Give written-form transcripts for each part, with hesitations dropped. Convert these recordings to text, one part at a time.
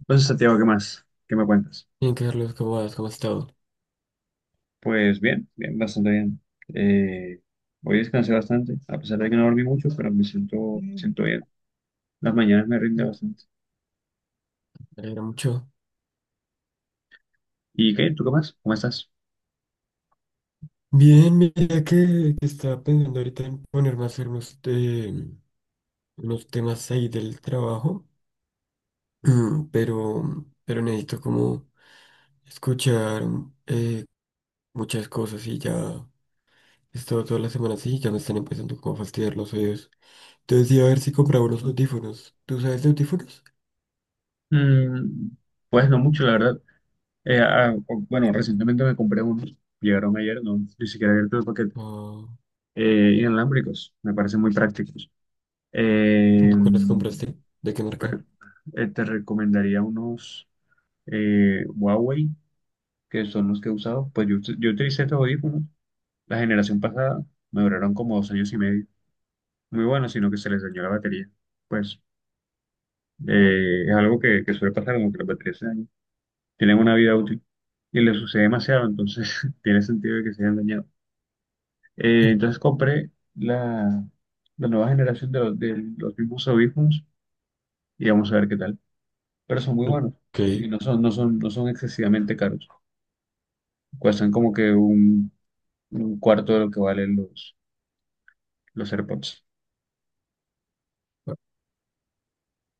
Entonces, Santiago, ¿qué más? ¿Qué me cuentas? Bien, Carlos, ¿cómo vas? ¿Cómo has estado? Pues bien, bien, bastante bien. Eh, Hoy descansé bastante, a pesar de que no dormí mucho, pero me siento, me Mm. siento bien. Las mañanas me rinde Eh, bastante. Me alegra mucho. ¿Y qué? ¿Tú qué más? ¿Cómo estás? Bien, mira que estaba pensando ahorita en ponerme a hacer unos temas ahí del trabajo, pero necesito como escuchar eh, muchas cosas y ya he estado toda la semana así y ya me están empezando como a fastidiar los oídos. Entonces iba a ver si compraba unos audífonos. ¿Tú sabes de audífonos? Mm, pues no mucho, la verdad. Bueno, recientemente me compré unos, llegaron ayer, no, ni siquiera abierto el paquete, inalámbricos, me parecen muy prácticos. Ah, Eh, ¿cuáles compraste? ¿De qué marca? pero, Te recomendaría unos Huawei que son los que he usado. Pues yo utilicé estos audífonos. La generación pasada me duraron como 2 años y medio. Muy buenos sino que se les dañó la batería. Pues es algo que suele pasar, como que las baterías se dañan. Tienen una vida útil y le sucede demasiado, entonces tiene sentido de que se hayan dañado. Entonces compré la, la nueva generación de de los mismos audífonos y vamos a ver qué tal. Pero son muy buenos Ok. y no son excesivamente caros. Cuestan como que un cuarto de lo que valen los AirPods.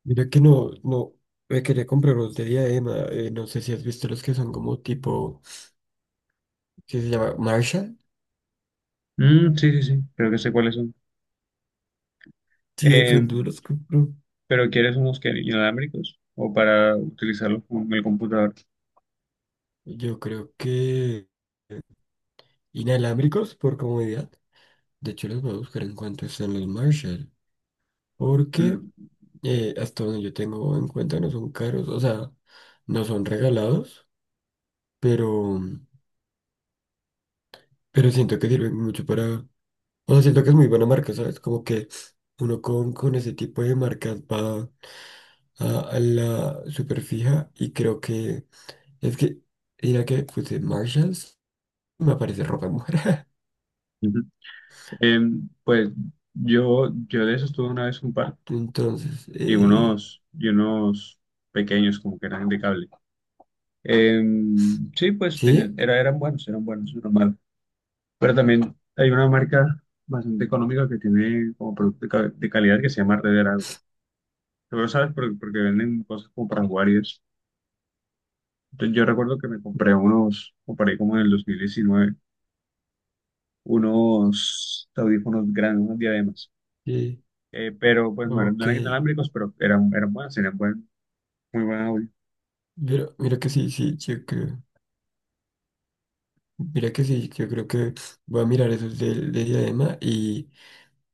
Mira que no, no, me quería comprar los de Diadema, no sé si has visto los que son como tipo, ¿qué se llama? Marshall. Mm, sí, sí, sí, creo que sé cuáles son. Sí, de Eh, pronto los compro. pero ¿quieres unos que inalámbricos o para utilizarlos con el computador? Yo creo que inalámbricos por comodidad. De hecho, los voy a buscar en cuanto están los Marshall. Porque Mm, hasta donde yo tengo en cuenta no son caros, o sea, no son regalados, pero, pero siento que sirven mucho para... O sea, siento que es muy buena marca, ¿sabes? Como que uno con ese tipo de marcas va a la superfija y creo que es que mira que puse Marshalls me aparece ropa de mujer. ujú. Eh, pues yo de esos tuve una vez un par entonces y eh, unos pequeños como que eran de cable. Eh, sí, pues sí, eran buenos, normal. Pero también hay una marca bastante económica que tiene como producto de calidad que se llama Red Dragon. Seguro sabes porque venden cosas como para jugar y eso. Entonces, yo recuerdo que me compré unos, compré como en el 2019 unos audífonos grandes, unos diademas. sí, Pero pues ok. no eran inalámbricos, pero eran buenas, tenían muy buen audio. Pero mira que sí, sí, yo creo, mira que sí, yo creo que voy a mirar esos del de diadema y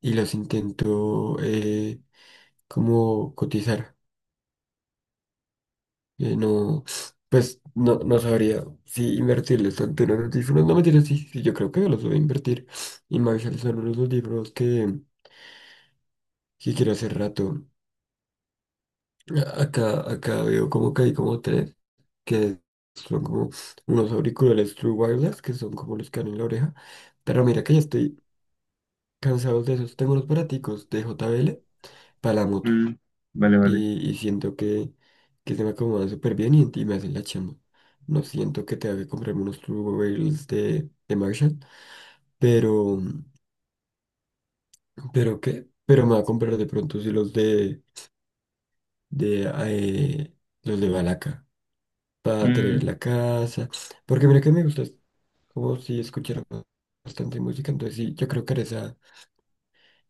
y los intento, como cotizar. No, pues no, no sabría si invertirles tanto en unos audífonos. No, mentira, sí, sí, yo creo que yo los voy a invertir. Y me avisarles, son unos audífonos que quiero hace rato. Acá, veo como que hay como tres, que son como unos auriculares True Wireless, que son como los que dan en la oreja. Pero mira que ya estoy cansado de esos. Tengo unos baraticos de JBL para la moto. Mm, vale, vale. Y siento que se me acomodan súper bien y me hacen la chamba. No siento que tenga que comprarme unos Turbo Rails de Marshall, pero, pero me va a comprar de pronto sí los de los de Balaca para tener en Mm, la casa, porque mira que me gusta, es como si escuchara bastante música, entonces sí, yo creo que haré esa,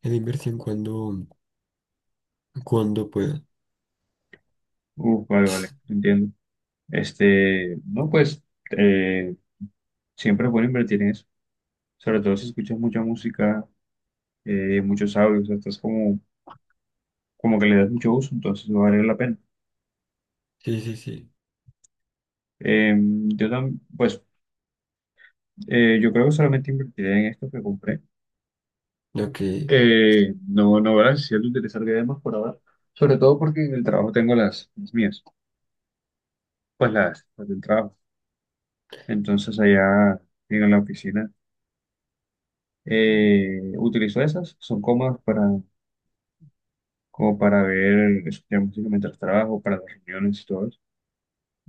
esa inversión cuando, cuando pueda. uf, vale, vale, entiendo. Este, no, pues eh, siempre es bueno invertir en eso. Sobre todo si escuchas mucha música, muchos audios, estás como que le das mucho uso, entonces va a valer la pena. Sí, sí, sí. Yo también, pues yo creo que solamente invertiré en esto que compré. Lo que, No, no, ¿verdad? Siento utilizar diademas por ahora. Sobre todo porque en el trabajo tengo las mías, pues las del trabajo. Entonces allá en la oficina utilizo esas, son cómodas para, como para ver, escuchar música mientras trabajo, para las reuniones y todo eso.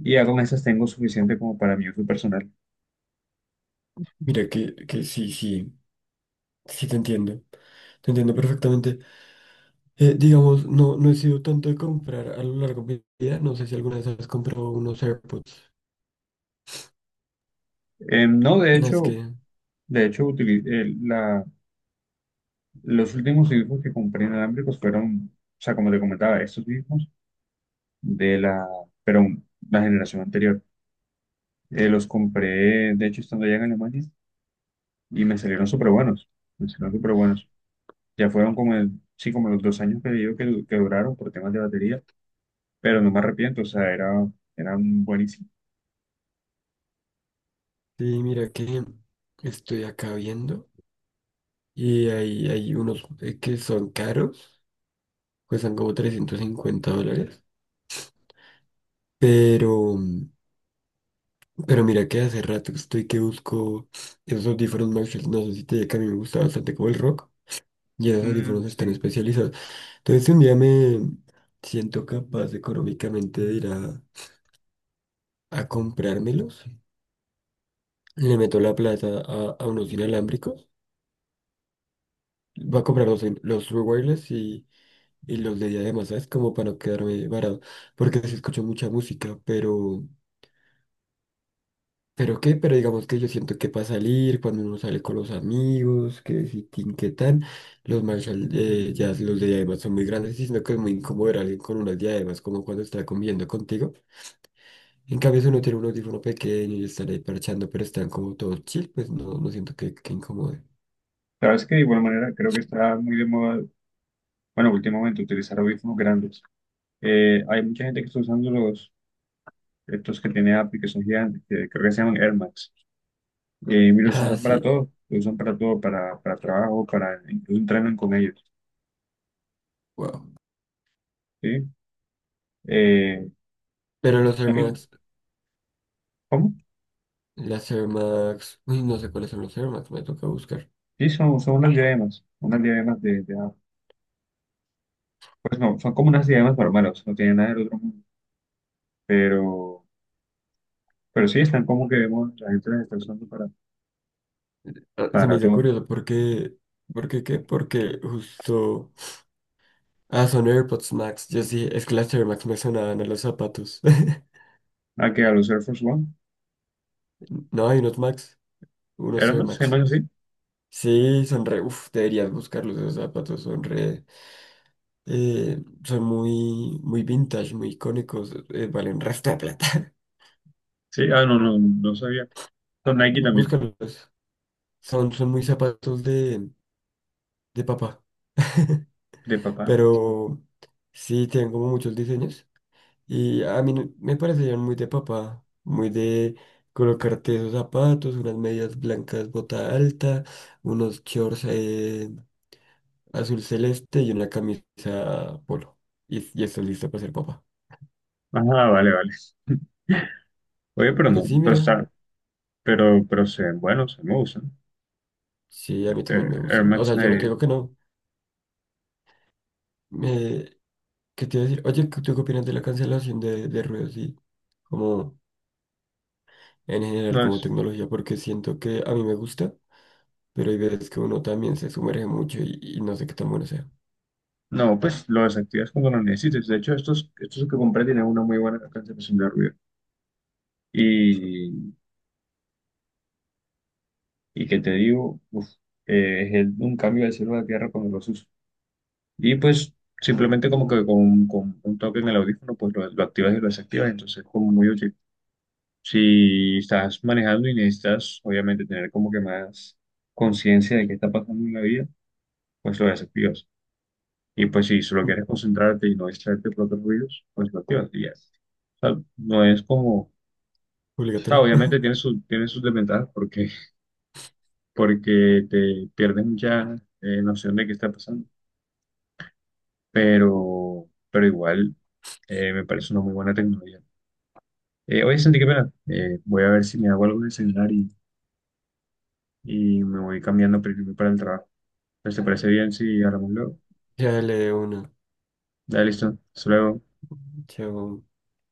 Y ya con esas tengo suficiente como para mi uso personal. Mira que sí, sí. Sí, te entiendo. Te entiendo perfectamente. Digamos, no, no he sido tanto de comprar a lo largo de mi vida. No sé si alguna vez has comprado unos AirPods. No, No, de hecho los últimos audífonos que compré inalámbricos fueron, o sea, como te comentaba, estos mismos de pero la generación anterior. Los compré, de hecho, estando allá en Alemania, y me salieron súper buenos. Me salieron súper buenos. Ya fueron como, sí, como los 2 años que digo que duraron por temas de batería, pero no me arrepiento, o sea, era, eran buenísimos. sí, mira que estoy acá viendo y hay unos, que son caros, cuestan como 350 dólares. Pero, mm, pero mira que hace rato estoy que busco esos audífonos Marshall. No sé si te diga que a mí me gusta bastante como el rock y esos Mm, audífonos están sí. especializados. Entonces si un día me siento capaz económicamente de ir a comprármelos. Le meto la plata a unos inalámbricos. Voy a comprar los True Wireless y los de diadema, ¿sabes? Como para no quedarme varado. Porque sí escucho mucha música, pero... ¿Pero qué? Pero digamos que yo siento que para salir, cuando uno sale con los amigos, que si tin, que tan, los Marshall, ya los de diademas son muy grandes, y sino que es muy incómodo ver a alguien con unas diademas, como cuando está comiendo contigo. En cambio, si uno tiene un audífono pequeño y están ahí parchando, pero están como todos chill, pues no, no siento que incomode. Sabes que de igual manera creo que está muy de moda, bueno, últimamente utilizar audífonos grandes. Hay mucha gente que está usando estos que tiene Apple, que son gigantes, que creo que se llaman Air Max. Y los Ah, usan para sí, todo, los usan para todo, para trabajo, para incluso entrenan con ellos. wow. ¿Sí? Eh, Pero los Air Eh, Max, ¿Cómo? las Air Max, uy, no sé cuáles son los Air Max, me toca buscar. Sí, son unas diademas de ajo. Pues no, son como unas diademas normales, no tienen nada del otro mundo, pero, pero sí están como que vemos, la gente las está usando Ah, se me para hizo todo. curioso. Porque, porque, qué? Porque justo, ah, son AirPods Max, yo sí, es que las Air Max me sonaban a los zapatos. Ah, que a los Air Force One, No, hay unos Max, unos ¿eran Air más? ¿Se Max. llaman así? Sí, son re, uff, deberías buscarlos, esos zapatos son re... son muy, muy vintage, muy icónicos, valen resto de plata. Sí, ah, no, no, no sabía. Son Nike también, Búscalos. Son muy zapatos de papá. de papá. Pero sí, tienen como muchos diseños. Y a mí me parecían muy de papá, muy de colocarte esos zapatos, unas medias blancas, bota alta, unos shorts, azul celeste y una camisa polo. Y estás listo para ser papá. Ah, vale, vale. Oye, pero Pero no, sí, pero mira, está, pero se ven buenos, se me gustan. sí, a mí también me Air gustan. O Max sea, yo no te digo Nike, que no. Eh, ¿Qué te iba a decir? Oye, ¿tú qué opinas de la cancelación de ruidos y como en general no como es, tecnología? Porque siento que a mí me gusta, pero hay veces que uno también se sumerge mucho y no sé qué tan bueno sea. no, pues lo desactivas cuando lo necesites. De hecho, estos, estos que compré tienen una muy buena cancelación de ruido. Y, y que te digo, uf, un cambio del cielo a la tierra cuando los uso. Y pues simplemente como que con un toque en el audífono, pues lo activas y lo desactivas, entonces es como muy útil. Si estás manejando y necesitas obviamente tener como que más conciencia de qué está pasando en la vida, pues lo desactivas. Y pues si solo Mm. quieres concentrarte y no distraerte por otros ruidos, pues lo activas y ya. O sea, no es como, o sea, Obligatorio. obviamente tiene tiene sus desventajas porque porque te pierdes mucha noción de qué está pasando. Pero igual me parece una muy buena tecnología. Oye, Santi, qué pena. Voy a ver si me hago algo de celular y me voy cambiando primero para el trabajo. Entonces, ¿te parece bien si hablamos luego? Chale, uno. Dale, listo. Hasta luego. Chao.